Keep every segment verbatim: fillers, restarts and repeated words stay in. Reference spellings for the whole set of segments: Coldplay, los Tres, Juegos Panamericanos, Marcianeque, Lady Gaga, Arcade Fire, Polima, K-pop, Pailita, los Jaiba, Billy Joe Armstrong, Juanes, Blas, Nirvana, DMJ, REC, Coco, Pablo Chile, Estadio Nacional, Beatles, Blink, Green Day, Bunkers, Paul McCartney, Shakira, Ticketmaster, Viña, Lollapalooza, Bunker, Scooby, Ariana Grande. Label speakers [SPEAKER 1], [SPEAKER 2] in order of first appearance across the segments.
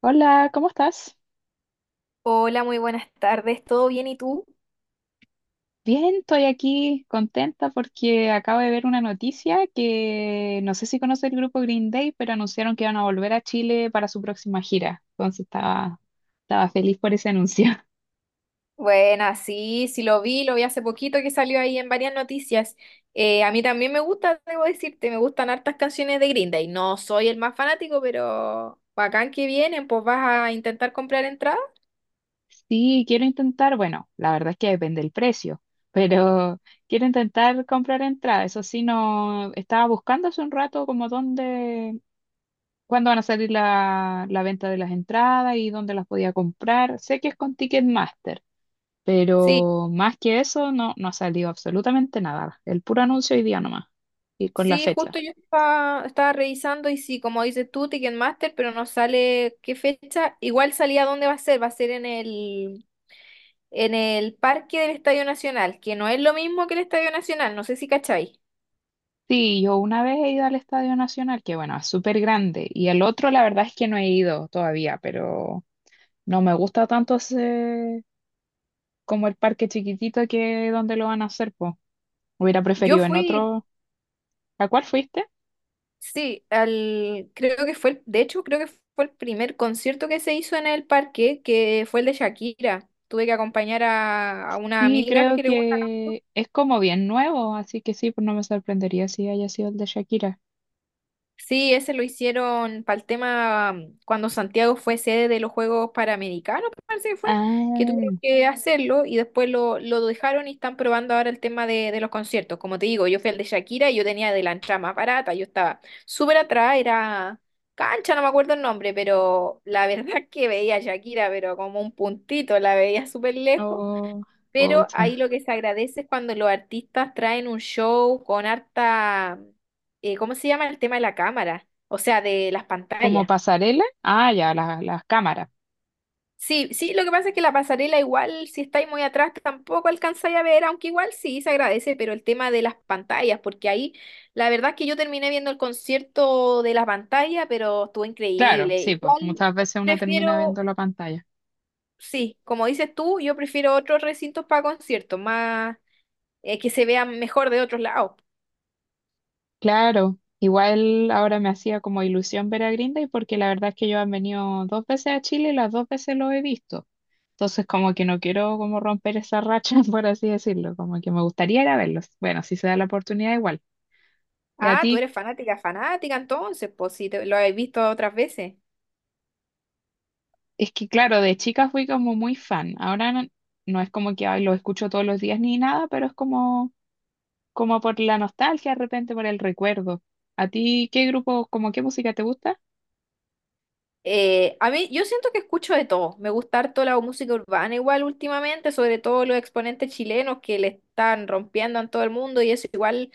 [SPEAKER 1] Hola, ¿cómo estás?
[SPEAKER 2] Hola, muy buenas tardes. ¿Todo bien y tú?
[SPEAKER 1] Bien, estoy aquí contenta porque acabo de ver una noticia que no sé si conoce el grupo Green Day, pero anunciaron que iban a volver a Chile para su próxima gira. Entonces estaba, estaba feliz por ese anuncio.
[SPEAKER 2] Buena, sí, sí lo vi, lo vi hace poquito que salió ahí en varias noticias. Eh, a mí también me gusta, debo decirte, me gustan hartas canciones de Green Day. No soy el más fanático, pero bacán que vienen, pues vas a intentar comprar entradas.
[SPEAKER 1] Sí, quiero intentar, bueno, la verdad es que depende del precio, pero quiero intentar comprar entrada. Eso sí, no estaba buscando hace un rato como dónde, cuándo van a salir la, la venta de las entradas y dónde las podía comprar. Sé que es con Ticketmaster.
[SPEAKER 2] Sí.
[SPEAKER 1] Pero más que eso, no, no ha salido absolutamente nada. El puro anuncio hoy día nomás. Y con la
[SPEAKER 2] Sí,
[SPEAKER 1] fecha.
[SPEAKER 2] justo yo estaba, estaba revisando y sí, como dices tú, Ticketmaster, pero no sale qué fecha. Igual salía dónde va a ser, va a ser en el, en el parque del Estadio Nacional, que no es lo mismo que el Estadio Nacional, no sé si cacháis.
[SPEAKER 1] Sí, yo una vez he ido al Estadio Nacional, que bueno, es súper grande. Y el otro, la verdad es que no he ido todavía, pero no me gusta tanto ese- como el parque chiquitito que donde lo van a hacer, pues. Hubiera
[SPEAKER 2] Yo
[SPEAKER 1] preferido en
[SPEAKER 2] fui,
[SPEAKER 1] otro. ¿A cuál fuiste?
[SPEAKER 2] sí, al, creo que fue, el- de hecho, creo que fue el primer concierto que se hizo en el parque, que fue el de Shakira. Tuve que acompañar a, a una
[SPEAKER 1] Sí,
[SPEAKER 2] amiga
[SPEAKER 1] creo
[SPEAKER 2] que le gusta.
[SPEAKER 1] que es como bien nuevo, así que sí, pues no me sorprendería si haya sido el de Shakira.
[SPEAKER 2] Sí, ese lo hicieron para el tema mm, cuando Santiago fue sede de los Juegos Panamericanos, parece que fue, que tuvieron
[SPEAKER 1] Ah,
[SPEAKER 2] que hacerlo y después lo, lo dejaron y están probando ahora el tema de, de los conciertos. Como te digo, yo fui al de Shakira y yo tenía de la entrada más barata, yo estaba súper atrás, era cancha, no me acuerdo el nombre, pero la verdad que veía a Shakira, pero como un puntito, la veía súper lejos.
[SPEAKER 1] oh,
[SPEAKER 2] Pero
[SPEAKER 1] pucha.
[SPEAKER 2] ahí lo que se agradece es cuando los artistas traen un show con harta, eh, ¿cómo se llama el tema de la cámara? O sea, de las
[SPEAKER 1] Como
[SPEAKER 2] pantallas.
[SPEAKER 1] pasarela. Ah, ya, la- las cámaras.
[SPEAKER 2] Sí, sí, lo que pasa es que la pasarela igual, si estáis muy atrás, tampoco alcanzáis a ver, aunque igual sí se agradece, pero el tema de las pantallas, porque ahí la verdad es que yo terminé viendo el concierto de la pantalla, pero estuvo
[SPEAKER 1] Claro,
[SPEAKER 2] increíble.
[SPEAKER 1] sí, pues
[SPEAKER 2] Igual
[SPEAKER 1] muchas veces uno termina viendo
[SPEAKER 2] prefiero,
[SPEAKER 1] la pantalla.
[SPEAKER 2] sí, como dices tú, yo prefiero otros recintos para conciertos, más eh, que se vean mejor de otros lados.
[SPEAKER 1] Claro, igual ahora me hacía como ilusión ver a Green Day porque la verdad es que yo han venido dos veces a Chile y las dos veces lo he visto. Entonces como que no quiero como romper esa racha, por así decirlo, como que me gustaría ir a verlos. Bueno, si se da la oportunidad igual. Y a
[SPEAKER 2] Ah, tú
[SPEAKER 1] ti,
[SPEAKER 2] eres fanática, fanática entonces, pues si te, lo habéis visto otras veces.
[SPEAKER 1] es que claro, de chica fui como muy fan. Ahora no, no es como que ay, lo escucho todos los días ni nada, pero es como como por la nostalgia, de repente por el recuerdo. ¿A ti qué grupo, como qué música te gusta?
[SPEAKER 2] Eh, a mí, yo siento que escucho de todo. Me gusta harto la música urbana igual últimamente, sobre todo los exponentes chilenos que le están rompiendo en todo el mundo y eso igual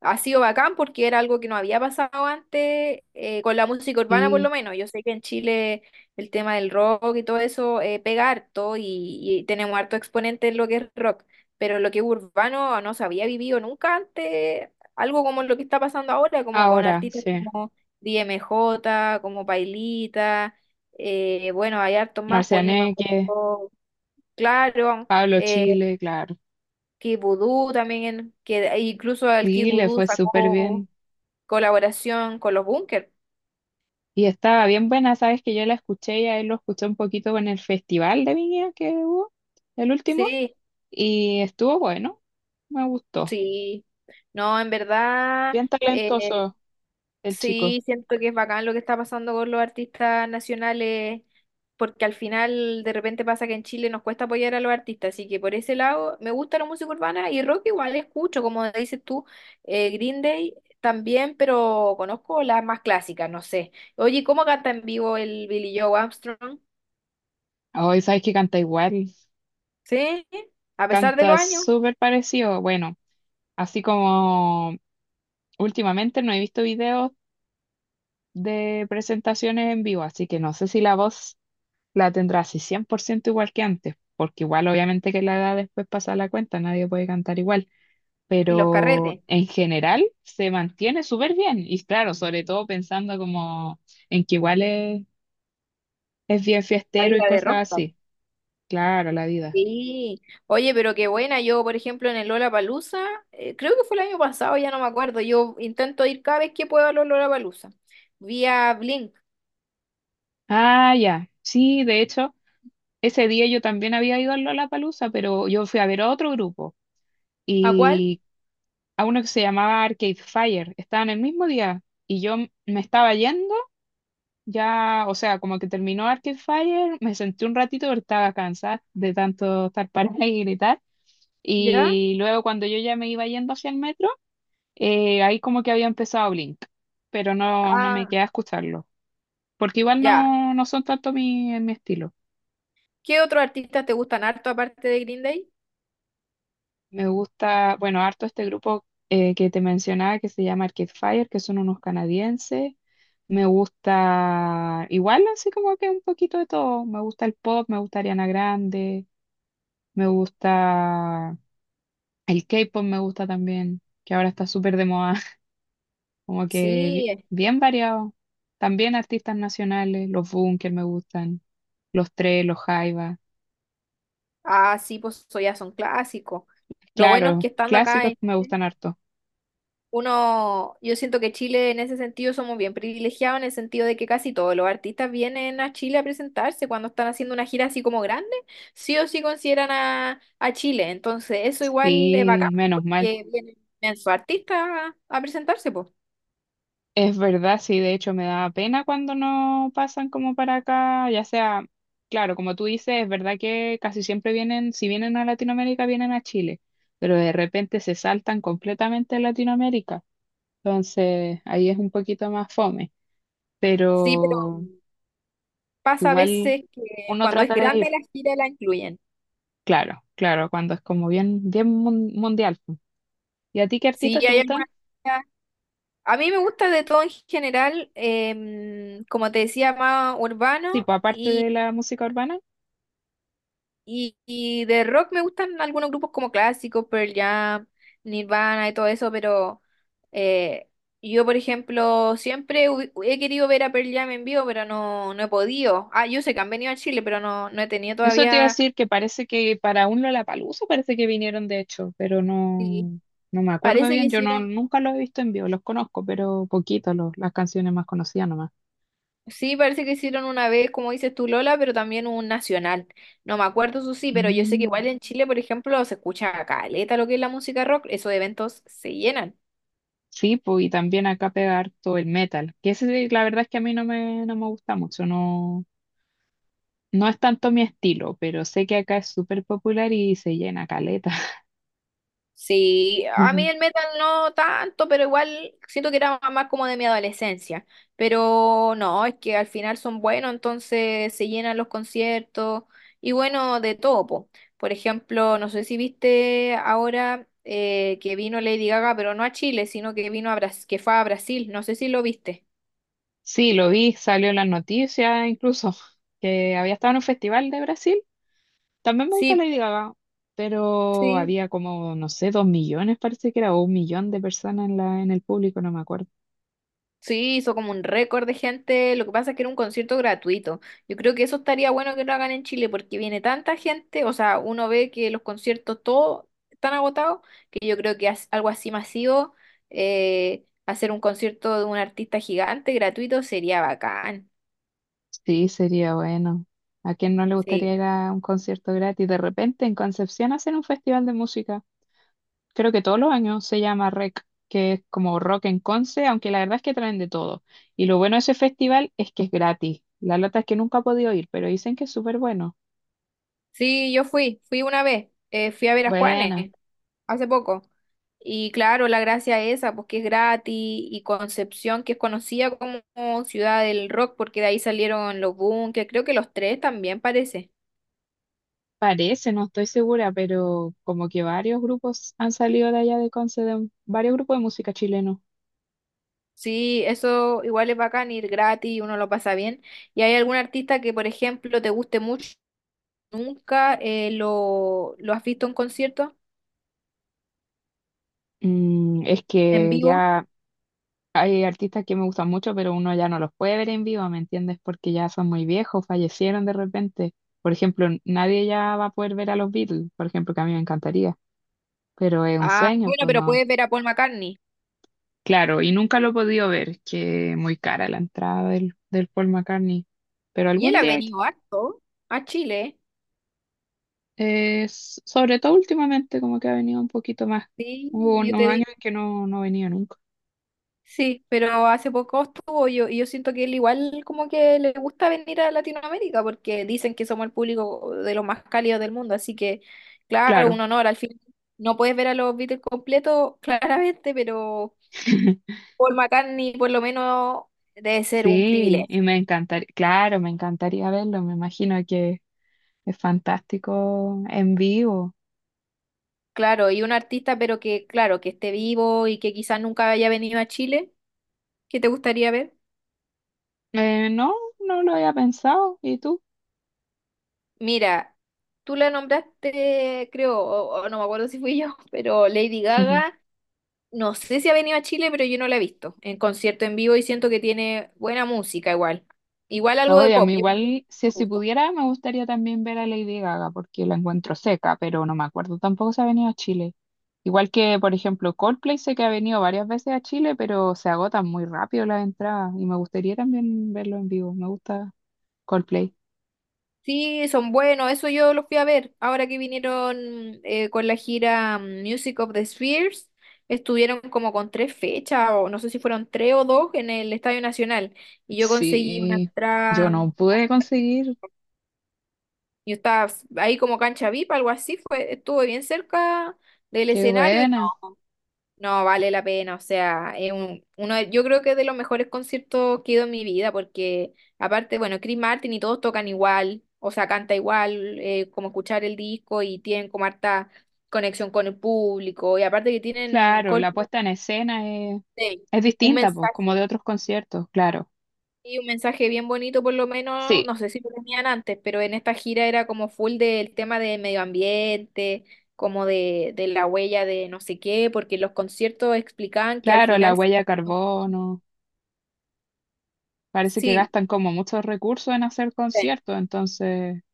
[SPEAKER 2] ha sido bacán porque era algo que no había pasado antes eh, con la música urbana por lo
[SPEAKER 1] Sí,
[SPEAKER 2] menos. Yo sé que en Chile el tema del rock y todo eso eh, pega harto y, y tenemos harto exponente en lo que es rock, pero lo que es urbano no se había vivido nunca antes, algo como lo que está pasando ahora, como con
[SPEAKER 1] ahora,
[SPEAKER 2] artistas
[SPEAKER 1] sí.
[SPEAKER 2] como... D M J, como Pailita, eh, bueno, hay hartos más, Polima,
[SPEAKER 1] Marcianeque,
[SPEAKER 2] Coco, claro,
[SPEAKER 1] Pablo
[SPEAKER 2] eh,
[SPEAKER 1] Chile, claro.
[SPEAKER 2] Kid Voodoo también, que incluso el Kid
[SPEAKER 1] Sí, le
[SPEAKER 2] Voodoo
[SPEAKER 1] fue súper
[SPEAKER 2] sacó
[SPEAKER 1] bien.
[SPEAKER 2] colaboración con los Bunkers,
[SPEAKER 1] Y estaba bien buena, sabes que yo la escuché y a él lo escuché un poquito en el festival de Viña que hubo, el último,
[SPEAKER 2] sí,
[SPEAKER 1] y estuvo bueno, me gustó.
[SPEAKER 2] sí, no, en verdad,
[SPEAKER 1] Bien
[SPEAKER 2] eh,
[SPEAKER 1] talentoso el chico.
[SPEAKER 2] sí, siento que es bacán lo que está pasando con los artistas nacionales, porque al final de repente pasa que en Chile nos cuesta apoyar a los artistas, así que por ese lado me gusta la música urbana y rock igual escucho, como dices tú, eh, Green Day también, pero conozco las más clásicas, no sé. Oye, ¿cómo canta en vivo el Billy Joe Armstrong?
[SPEAKER 1] Hoy sabes que canta igual,
[SPEAKER 2] Sí, a pesar de los
[SPEAKER 1] canta
[SPEAKER 2] años
[SPEAKER 1] súper parecido, bueno, así como últimamente no he visto videos de presentaciones en vivo, así que no sé si la voz la tendrá así cien por ciento igual que antes, porque igual obviamente que la edad después pasa la cuenta, nadie puede cantar igual,
[SPEAKER 2] y los
[SPEAKER 1] pero
[SPEAKER 2] carretes,
[SPEAKER 1] en general se mantiene súper bien y claro, sobre todo pensando como en que igual es, es bien
[SPEAKER 2] la
[SPEAKER 1] fiestero y
[SPEAKER 2] vida de
[SPEAKER 1] cosas
[SPEAKER 2] rock.
[SPEAKER 1] así. Claro, la vida.
[SPEAKER 2] Sí, oye, pero qué buena. Yo, por ejemplo, en el Lollapalooza, eh, creo que fue el año pasado, ya no me acuerdo. Yo intento ir cada vez que puedo al Lollapalooza. Vi a Blink.
[SPEAKER 1] Ah, ya. Sí, de hecho, ese día yo también había ido a Lollapalooza, pero yo fui a ver a otro grupo.
[SPEAKER 2] ¿A cuál?
[SPEAKER 1] Y a uno que se llamaba Arcade Fire. Estaban el mismo día y yo m- me estaba yendo, ya, o sea, como que terminó Arcade Fire, me senté un ratito porque estaba cansada de tanto estar parada y gritar.
[SPEAKER 2] ¿Ya?
[SPEAKER 1] Y luego cuando yo ya me iba yendo hacia el metro, eh, ahí como que había empezado Blink, pero no, no me
[SPEAKER 2] Ah,
[SPEAKER 1] quedé a escucharlo, porque igual
[SPEAKER 2] ya.
[SPEAKER 1] no, no son tanto mi, mi estilo.
[SPEAKER 2] ¿Qué otros artistas te gustan harto aparte de Green Day?
[SPEAKER 1] Me gusta, bueno, harto este grupo eh, que te mencionaba que se llama Arcade Fire, que son unos canadienses. Me gusta, igual así como que un poquito de todo. Me gusta el pop, me gusta Ariana Grande, me gusta el K-pop, me gusta también, que ahora está súper de moda. Como que
[SPEAKER 2] Sí.
[SPEAKER 1] bi- bien variado. También artistas nacionales, los Bunker me gustan, los Tres, los Jaiba.
[SPEAKER 2] Ah, sí, pues eso ya son clásicos. Lo bueno es
[SPEAKER 1] Claro,
[SPEAKER 2] que estando acá
[SPEAKER 1] clásicos
[SPEAKER 2] en,
[SPEAKER 1] me gustan harto.
[SPEAKER 2] uno, yo siento que Chile en ese sentido somos bien privilegiados en el sentido de que casi todos los artistas vienen a Chile a presentarse cuando están haciendo una gira así como grande, sí o sí consideran a, a Chile. Entonces, eso igual es
[SPEAKER 1] Sí,
[SPEAKER 2] bacán
[SPEAKER 1] menos mal.
[SPEAKER 2] porque vienen sus artistas a, a presentarse, pues.
[SPEAKER 1] Es verdad, sí, de hecho me da pena cuando no pasan como para acá, ya sea, claro, como tú dices, es verdad que casi siempre vienen, si vienen a Latinoamérica, vienen a Chile, pero de repente se saltan completamente a Latinoamérica, entonces ahí es un poquito más fome,
[SPEAKER 2] Sí, pero
[SPEAKER 1] pero
[SPEAKER 2] pasa a
[SPEAKER 1] igual
[SPEAKER 2] veces que
[SPEAKER 1] uno
[SPEAKER 2] cuando es
[SPEAKER 1] trata de
[SPEAKER 2] grande
[SPEAKER 1] ir,
[SPEAKER 2] la gira la incluyen.
[SPEAKER 1] claro, claro, cuando es como bien, bien mun- mundial. ¿Y a ti qué
[SPEAKER 2] Sí,
[SPEAKER 1] artistas te
[SPEAKER 2] hay
[SPEAKER 1] gustan?
[SPEAKER 2] algunas. A mí me gusta de todo en general, em, como te decía, más
[SPEAKER 1] Sí,
[SPEAKER 2] urbano.
[SPEAKER 1] pues aparte
[SPEAKER 2] y
[SPEAKER 1] de la música urbana.
[SPEAKER 2] Y, y de rock me gustan algunos grupos como clásicos, Pearl Jam, Nirvana y todo eso, pero eh, yo, por ejemplo, siempre hu- he querido ver a Pearl Jam en vivo, pero no, no he podido. Ah, yo sé que han venido a Chile, pero no, no he tenido
[SPEAKER 1] Eso te iba a
[SPEAKER 2] todavía.
[SPEAKER 1] decir que parece que para un Lollapalooza parece que vinieron de hecho, pero
[SPEAKER 2] Sí.
[SPEAKER 1] no, no me acuerdo
[SPEAKER 2] Parece que
[SPEAKER 1] bien. Yo no,
[SPEAKER 2] hicieron,
[SPEAKER 1] nunca los he visto en vivo, los conozco, pero poquito, los, las canciones más conocidas nomás.
[SPEAKER 2] sí, parece que hicieron una vez, como dices tú, Lola, pero también un nacional. No me acuerdo eso sí, pero yo sé que igual
[SPEAKER 1] Mm.
[SPEAKER 2] en Chile, por ejemplo, se escucha caleta lo que es la música rock, esos eventos se llenan.
[SPEAKER 1] Sí, pues, y también acá pega harto el metal, que ese, la verdad es que a mí no me, no me gusta mucho, no, no es tanto mi estilo, pero sé que acá es súper popular y se llena caleta.
[SPEAKER 2] Sí, a mí el metal no tanto, pero igual siento que era más como de mi adolescencia. Pero no, es que al final son buenos, entonces se llenan los conciertos y bueno, de todo, po. Por ejemplo, no sé si viste ahora eh, que vino Lady Gaga, pero no a Chile, sino que vino a Bras- que fue a Brasil, no sé si lo viste.
[SPEAKER 1] Sí, lo vi, salió en las noticias incluso, que había estado en un festival de Brasil. También me gusta
[SPEAKER 2] Sí,
[SPEAKER 1] Lady Gaga, pero
[SPEAKER 2] sí.
[SPEAKER 1] había como, no sé, dos millones, parece que era, o un millón de personas en la, en el público, no me acuerdo.
[SPEAKER 2] Sí, hizo como un récord de gente. Lo que pasa es que era un concierto gratuito. Yo creo que eso estaría bueno que lo hagan en Chile porque viene tanta gente. O sea, uno ve que los conciertos todos están agotados, que yo creo que as- algo así masivo, eh, hacer un concierto de un artista gigante gratuito sería bacán.
[SPEAKER 1] Sí, sería bueno. ¿A quién no le gustaría
[SPEAKER 2] Sí.
[SPEAKER 1] ir a un concierto gratis? De repente en Concepción hacen un festival de música. Creo que todos los años se llama REC, que es como Rock en Conce, aunque la verdad es que traen de todo. Y lo bueno de ese festival es que es gratis. La lata es que nunca he podido ir, pero dicen que es súper bueno.
[SPEAKER 2] Sí, yo fui, fui una vez. Eh, fui a ver a Juanes
[SPEAKER 1] Bueno.
[SPEAKER 2] hace poco. Y claro, la gracia es esa, pues que es gratis, y Concepción, que es conocida como ciudad del rock, porque de ahí salieron los Bunkers, creo que los tres también parece.
[SPEAKER 1] Parece, no estoy segura, pero como que varios grupos han salido de allá de Conce, de- varios grupos de música chileno.
[SPEAKER 2] Sí, eso igual es bacán, ir gratis, uno lo pasa bien. ¿Y hay algún artista que, por ejemplo, te guste mucho, nunca eh, lo, lo has visto en concierto,
[SPEAKER 1] Mm, es
[SPEAKER 2] en
[SPEAKER 1] que
[SPEAKER 2] vivo?
[SPEAKER 1] ya hay artistas que me gustan mucho, pero uno ya no los puede ver en vivo, ¿me entiendes? Porque ya son muy viejos, fallecieron de repente. Por ejemplo, nadie ya va a poder ver a los Beatles, por ejemplo, que a mí me encantaría, pero es un
[SPEAKER 2] Ah,
[SPEAKER 1] sueño,
[SPEAKER 2] bueno,
[SPEAKER 1] pues
[SPEAKER 2] pero
[SPEAKER 1] no.
[SPEAKER 2] puedes ver a Paul McCartney.
[SPEAKER 1] Claro, y nunca lo he podido ver, que muy cara la entrada del, del Paul McCartney, pero
[SPEAKER 2] Y él
[SPEAKER 1] algún
[SPEAKER 2] ha
[SPEAKER 1] día
[SPEAKER 2] venido harto a Chile, ¿eh?
[SPEAKER 1] es, sobre todo últimamente, como que ha venido un poquito más.
[SPEAKER 2] Sí,
[SPEAKER 1] Hubo
[SPEAKER 2] yo te
[SPEAKER 1] unos años
[SPEAKER 2] digo.
[SPEAKER 1] en que no, no venía nunca.
[SPEAKER 2] Sí, pero hace poco estuvo. Yo y yo siento que él igual como que le gusta venir a Latinoamérica porque dicen que somos el público de los más cálidos del mundo, así que claro,
[SPEAKER 1] Claro.
[SPEAKER 2] un honor. Al fin no puedes ver a los Beatles completos claramente, pero Paul McCartney por lo menos debe ser un
[SPEAKER 1] Sí, y
[SPEAKER 2] privilegio.
[SPEAKER 1] me encantaría, claro, me encantaría verlo, me imagino que es fantástico en vivo.
[SPEAKER 2] Claro, y un artista, pero que claro, que esté vivo y que quizás nunca haya venido a Chile, ¿qué te gustaría ver?
[SPEAKER 1] Eh, no, no lo había pensado, ¿y tú?
[SPEAKER 2] Mira, tú la nombraste, creo, o o no me acuerdo si fui yo, pero Lady Gaga. No sé si ha venido a Chile, pero yo no la he visto en concierto en vivo y siento que tiene buena música igual. Igual algo de
[SPEAKER 1] Oye, a
[SPEAKER 2] pop,
[SPEAKER 1] mí
[SPEAKER 2] yo creo que
[SPEAKER 1] igual, si,
[SPEAKER 2] me
[SPEAKER 1] si
[SPEAKER 2] gusta.
[SPEAKER 1] pudiera, me gustaría también ver a Lady Gaga, porque la encuentro seca, pero no me acuerdo tampoco si ha venido a Chile. Igual que, por ejemplo, Coldplay sé que ha venido varias veces a Chile, pero se agotan muy rápido las entradas y me gustaría también verlo en vivo. Me gusta Coldplay.
[SPEAKER 2] Sí, son buenos, eso yo los fui a ver. Ahora que vinieron eh, con la gira mm, Music of the Spheres, estuvieron como con tres fechas, o no sé si fueron tres o dos, en el Estadio Nacional. Y yo conseguí una
[SPEAKER 1] Sí, yo
[SPEAKER 2] entrada, mm,
[SPEAKER 1] no pude conseguir.
[SPEAKER 2] yo estaba ahí como cancha V I P, algo así, fue, estuve bien cerca del
[SPEAKER 1] Qué
[SPEAKER 2] escenario.
[SPEAKER 1] buena.
[SPEAKER 2] No, vale la pena, o sea, es un- uno, de- yo creo que es de los mejores conciertos que he ido en mi vida, porque aparte, bueno, Chris Martin y todos tocan igual, o sea, canta igual, eh, como escuchar el disco y tienen como harta conexión con el público, y aparte que tienen
[SPEAKER 1] Claro, la
[SPEAKER 2] Coldplay,
[SPEAKER 1] puesta en escena es, es
[SPEAKER 2] un
[SPEAKER 1] distinta, pues,
[SPEAKER 2] mensaje,
[SPEAKER 1] como de otros conciertos, claro.
[SPEAKER 2] y un mensaje bien bonito por lo menos,
[SPEAKER 1] Sí,
[SPEAKER 2] no sé si lo tenían antes, pero en esta gira era como full del tema de medio ambiente, como de, de la huella de no sé qué, porque los conciertos explicaban que al
[SPEAKER 1] claro, la
[SPEAKER 2] final...
[SPEAKER 1] huella de carbono. Parece que
[SPEAKER 2] Sí,
[SPEAKER 1] gastan como muchos recursos en hacer
[SPEAKER 2] eh,
[SPEAKER 1] conciertos, entonces,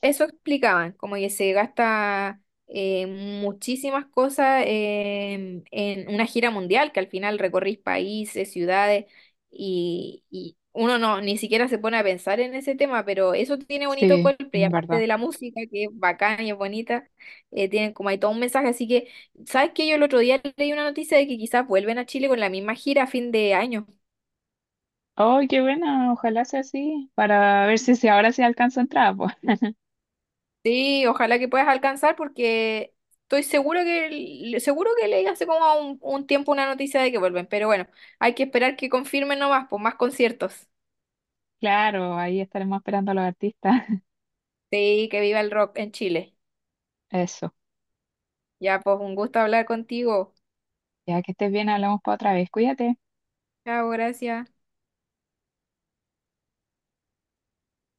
[SPEAKER 2] eso explicaban, como que se gasta eh, muchísimas cosas em, en una gira mundial, que al final recorrís países, ciudades, y, y uno no, ni siquiera se pone a pensar en ese tema, pero eso tiene bonito
[SPEAKER 1] sí,
[SPEAKER 2] Coldplay,
[SPEAKER 1] en
[SPEAKER 2] aparte
[SPEAKER 1] verdad.
[SPEAKER 2] de la música, que es bacana y es bonita, eh, tienen como ahí todo un mensaje, así que, ¿sabes qué? Yo el otro día leí una noticia de que quizás vuelven a Chile con la misma gira a fin de año.
[SPEAKER 1] ¡Oh, qué buena! Ojalá sea así, para ver si, si ahora se alcanza a entrar pues.
[SPEAKER 2] Sí, ojalá que puedas alcanzar porque estoy seguro que le- seguro que leí hace como un, un tiempo una noticia de que vuelven, pero bueno, hay que esperar que confirmen nomás, pues más conciertos.
[SPEAKER 1] Claro, ahí estaremos esperando a los artistas.
[SPEAKER 2] Sí, que viva el rock en Chile.
[SPEAKER 1] Eso.
[SPEAKER 2] Ya, pues un gusto hablar contigo.
[SPEAKER 1] Ya que estés bien, hablamos para otra vez. Cuídate.
[SPEAKER 2] Chao, gracias.